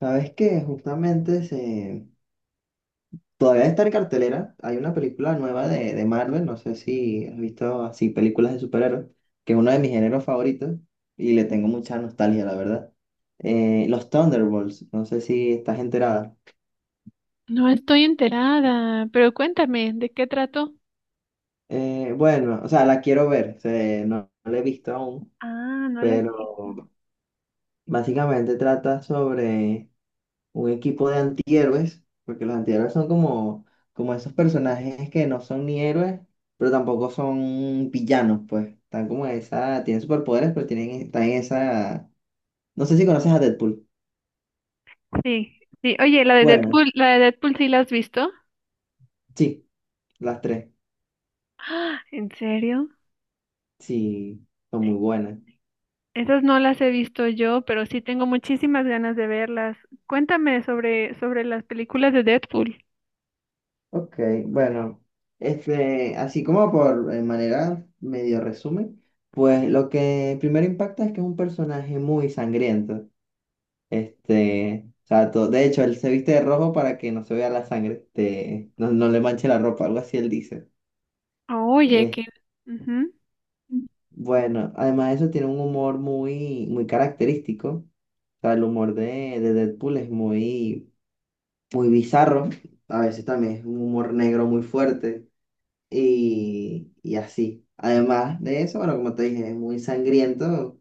Sabes que justamente se... todavía está en cartelera. Hay una película nueva de Marvel. No sé si has visto así películas de superhéroes, que es uno de mis géneros favoritos y le tengo mucha nostalgia, la verdad. Los Thunderbolts. No sé si estás enterada. No estoy enterada, pero cuéntame, ¿de qué trató? Bueno, o sea, la quiero ver. No, no la he visto aún, Ah, no la sí. pero básicamente trata sobre un equipo de antihéroes, porque los antihéroes son como, como esos personajes que no son ni héroes, pero tampoco son villanos, pues. Están como en esa, tienen superpoderes, pero tienen, están en esa. No sé si conoces a Deadpool. Sí, sí. Oye, Bueno, la de Deadpool sí la has visto. sí, las tres. Ah, ¿en serio? Sí, son muy buenas. Esas no las he visto yo, pero sí tengo muchísimas ganas de verlas. Cuéntame sobre las películas de Deadpool. Ok, bueno, así como por manera medio resumen, pues lo que primero impacta es que es un personaje muy sangriento. O sea, de hecho, él se viste de rojo para que no se vea la sangre, no, no le manche la ropa, algo así él dice. Oye, Eh, qué. Ujú. bueno, además de eso tiene un humor muy, muy característico. O sea, el humor de Deadpool es muy, muy bizarro. A veces también es un humor negro muy fuerte y así. Además de eso, bueno, como te dije, es muy sangriento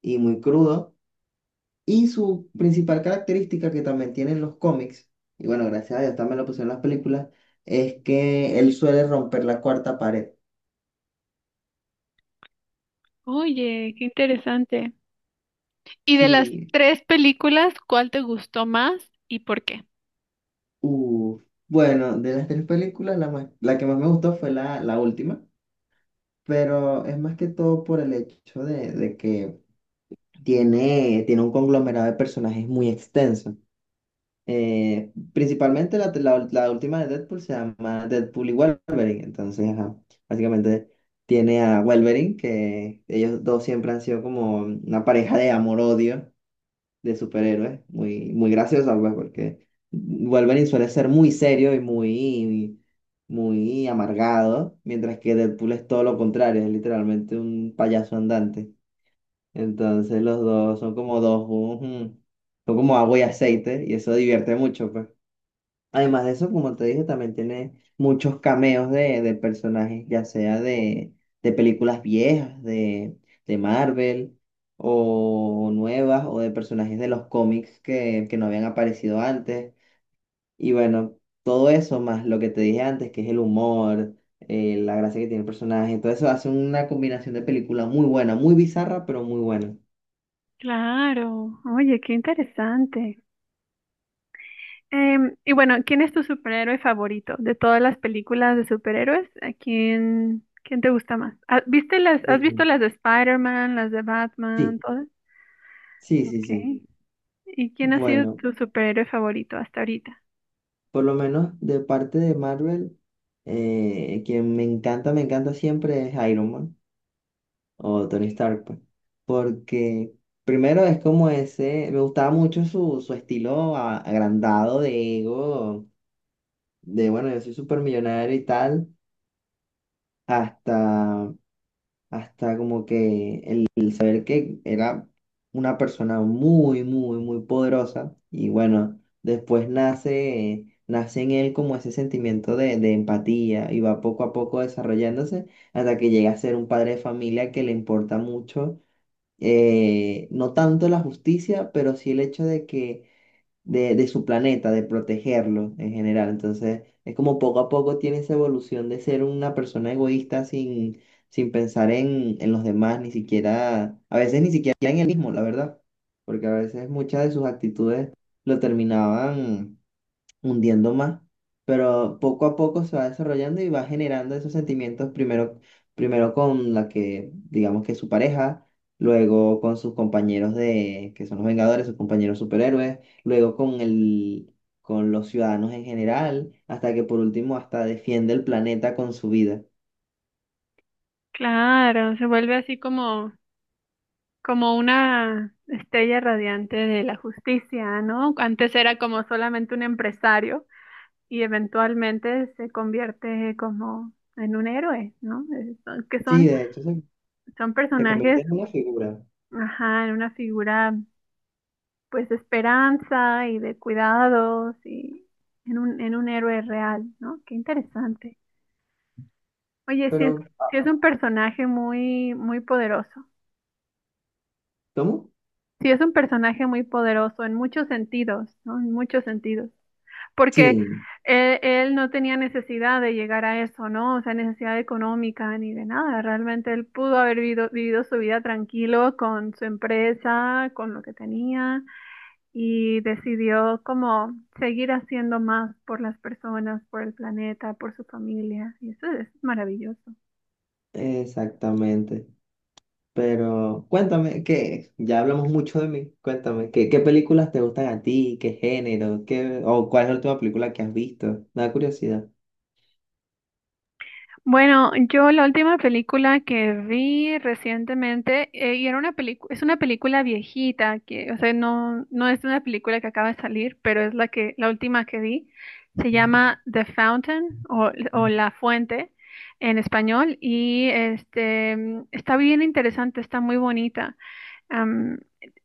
y muy crudo. Y su principal característica que también tienen los cómics, y bueno, gracias a Dios también lo pusieron en las películas, es que él suele romper la cuarta pared. Oye, qué interesante. ¿Y de las Sí, tres películas, cuál te gustó más y por qué? uf. Bueno, de las tres películas, la que más me gustó fue la última, pero es más que todo por el hecho de que tiene un conglomerado de personajes muy extenso. Principalmente la última de Deadpool se llama Deadpool y Wolverine. Entonces, ajá, básicamente tiene a Wolverine, que ellos dos siempre han sido como una pareja de amor-odio de superhéroes. Muy, muy graciosa, pues, porque Wolverine suele ser muy serio y muy, muy amargado, mientras que Deadpool es todo lo contrario, es literalmente un payaso andante. Entonces, los dos son como dos, ujú, son como agua y aceite, y eso divierte mucho, pues. Además de eso, como te dije, también tiene muchos cameos de personajes, ya sea de películas viejas, de Marvel, o nuevas, o de personajes de los cómics que no habían aparecido antes. Y bueno, todo eso, más lo que te dije antes, que es el humor, la gracia que tiene el personaje, todo eso hace una combinación de película muy buena, muy bizarra, pero muy buena. Claro, oye, qué interesante. Y bueno, ¿quién es tu superhéroe favorito de todas las películas de superhéroes? ¿A quién, quién te gusta más? Viste las, has visto Sí, las de Spider-Man, las de Batman, sí, todas? sí, sí, sí. Okay. ¿Y quién ha sido Bueno, tu superhéroe favorito hasta ahorita? por lo menos de parte de Marvel. Quien me encanta siempre es Iron Man o Tony Stark, pues. Porque primero es como ese, me gustaba mucho su estilo agrandado de ego, de bueno, yo soy súper millonario y tal, hasta hasta como que el saber que era una persona muy, muy, muy poderosa y bueno, después nace en él como ese sentimiento de empatía y va poco a poco desarrollándose hasta que llega a ser un padre de familia que le importa mucho, no tanto la justicia, pero sí el hecho de su planeta, de protegerlo en general. Entonces, es como poco a poco tiene esa evolución de ser una persona egoísta sin, sin pensar en los demás, ni siquiera, a veces ni siquiera en él mismo, la verdad, porque a veces muchas de sus actitudes lo terminaban hundiendo más, pero poco a poco se va desarrollando y va generando esos sentimientos primero, primero con la que, digamos que es su pareja, luego con sus compañeros de, que son los Vengadores, sus compañeros superhéroes, luego con con los ciudadanos en general, hasta que por último hasta defiende el planeta con su vida. Claro, se vuelve así como, como una estrella radiante de la justicia, ¿no? Antes era como solamente un empresario y eventualmente se convierte como en un héroe, ¿no? Que Sí, son, son se personajes. convierte en una figura, Ajá, en una figura pues de esperanza y de cuidados y en un héroe real, ¿no? Qué interesante. Oye, pero sí es un personaje muy, muy poderoso. ¿cómo? Sí es un personaje muy poderoso en muchos sentidos, ¿no? En muchos sentidos. Porque Sí, él no tenía necesidad de llegar a eso, ¿no? O sea, necesidad económica ni de nada. Realmente él pudo haber vivido su vida tranquilo con su empresa, con lo que tenía y decidió como seguir haciendo más por las personas, por el planeta, por su familia. Y eso es maravilloso. exactamente. Pero cuéntame, que ya hablamos mucho de mí, cuéntame, ¿qué películas te gustan a ti? ¿Qué género? ¿Qué, o cuál es la última película que has visto? Me da curiosidad. Bueno, yo la última película que vi recientemente, era una película, es una película viejita, que, o sea, no, no es una película que acaba de salir, pero es la que, la última que vi. Se llama The Fountain o La Fuente en español. Y este está bien interesante, está muy bonita. Am,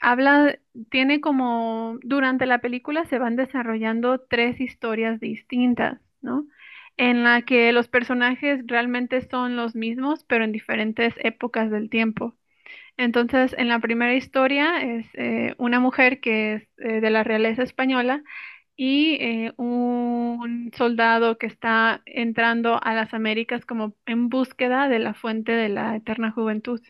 habla, tiene como, durante la película se van desarrollando tres historias distintas, ¿no? En la que los personajes realmente son los mismos, pero en diferentes épocas del tiempo. Entonces, en la primera historia es una mujer que es de la realeza española y un soldado que está entrando a las Américas como en búsqueda de la fuente de la eterna juventud.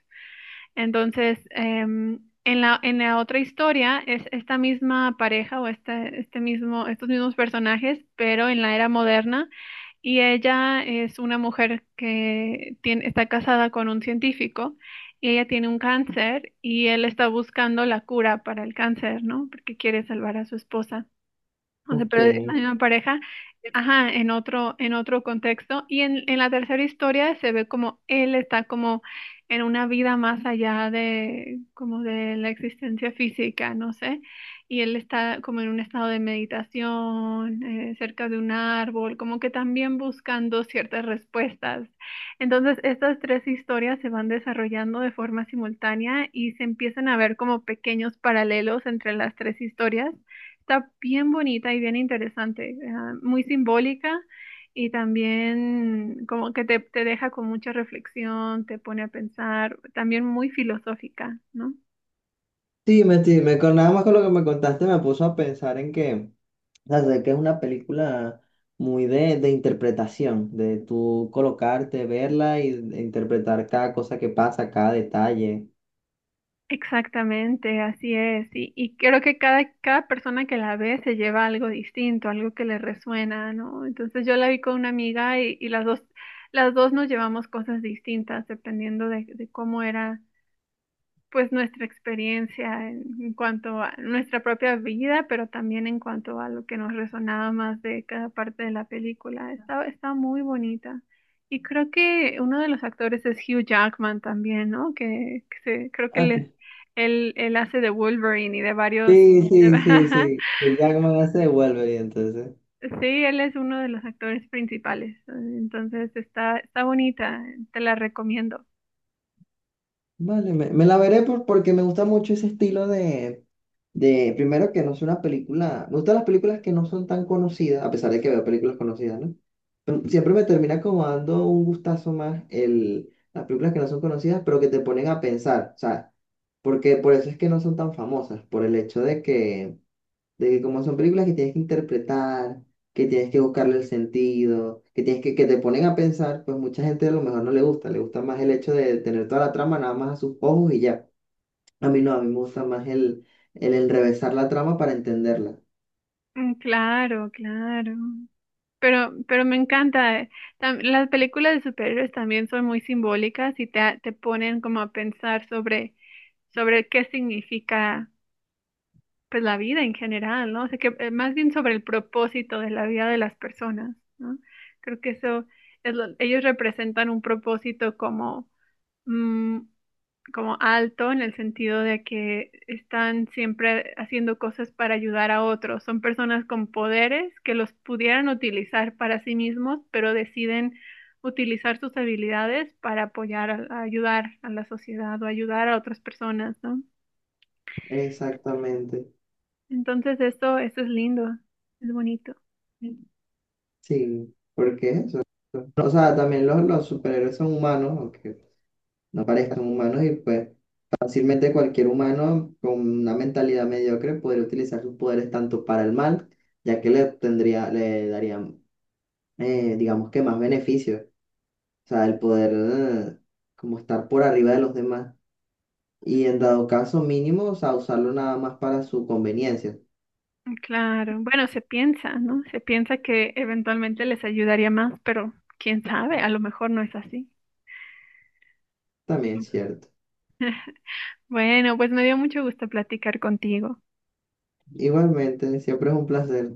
Entonces, en la otra historia es esta misma pareja o estos mismos personajes, pero en la era moderna. Y ella es una mujer que tiene, está casada con un científico y ella tiene un cáncer y él está buscando la cura para el cáncer, ¿no? Porque quiere salvar a su esposa. O sea, Ok, pero es la sí, misma pareja, ajá, en otro contexto. Y en la tercera historia se ve como él está como en una vida más allá de, como de la existencia física, no sé. Y él está como en un estado de meditación, cerca de un árbol, como que también buscando ciertas respuestas. Entonces, estas tres historias se van desarrollando de forma simultánea y se empiezan a ver como pequeños paralelos entre las tres historias. Está bien bonita y bien interesante, ah, muy simbólica y también como que te deja con mucha reflexión, te pone a pensar, también muy filosófica, ¿no? dime, con nada más con lo que me contaste me puso a pensar en que, o sea, sé que es una película muy de interpretación, de tú colocarte, verla y de interpretar cada cosa que pasa, cada detalle. Exactamente, así es. Y creo que cada, cada persona que la ve se lleva algo distinto, algo que le resuena, ¿no? Entonces yo la vi con una amiga y las dos nos llevamos cosas distintas dependiendo de cómo era pues nuestra experiencia en cuanto a nuestra propia vida, pero también en cuanto a lo que nos resonaba más de cada parte de la película. Está, está muy bonita. Y creo que uno de los actores es Hugh Jackman también, ¿no? Que, creo que Ok. él, él hace de Wolverine y de varios... Sí, sí, sí, sí. Y ya como se devuelve entonces. Sí, él es uno de los actores principales. Entonces está, está bonita, te la recomiendo. Vale, me la veré porque me gusta mucho ese estilo de, primero que no es una película, me gustan las películas que no son tan conocidas, a pesar de que veo películas conocidas, ¿no? Pero siempre me termina como dando un gustazo más el, las películas que no son conocidas, pero que te ponen a pensar, o sea, porque por eso es que no son tan famosas, por el hecho de que como son películas que tienes que interpretar, que tienes que buscarle el sentido, que tienes que te ponen a pensar, pues mucha gente a lo mejor no le gusta, le gusta más el hecho de tener toda la trama nada más a sus ojos y ya. A mí no, a mí me gusta más el enrevesar la trama para entenderla. Mm, claro, claro. Pero me encanta. Las películas de superhéroes también son muy simbólicas y te ponen como a pensar sobre, sobre qué significa pues la vida en general, ¿no? O sea, que más bien sobre el propósito de la vida de las personas, ¿no? Creo que eso ellos representan un propósito como mm, como alto en el sentido de que están siempre haciendo cosas para ayudar a otros. Son personas con poderes que los pudieran utilizar para sí mismos, pero deciden utilizar sus habilidades para apoyar, a ayudar a la sociedad o ayudar a otras personas, ¿no? Exactamente, Entonces esto es lindo, es bonito. sí, porque es eso. O sea, también los superhéroes son humanos, aunque no parezcan humanos, y pues fácilmente cualquier humano con una mentalidad mediocre podría utilizar sus poderes tanto para el mal, ya que le tendría, le darían, digamos que más beneficios, o sea, el poder como estar por arriba de los demás y en dado caso mínimo, o sea, usarlo nada más para su conveniencia, Claro, bueno, se piensa, ¿no? Se piensa que eventualmente les ayudaría más, pero quién sabe, a lo mejor no es así. también es cierto. Bueno, pues me dio mucho gusto platicar contigo. Igualmente, siempre es un placer.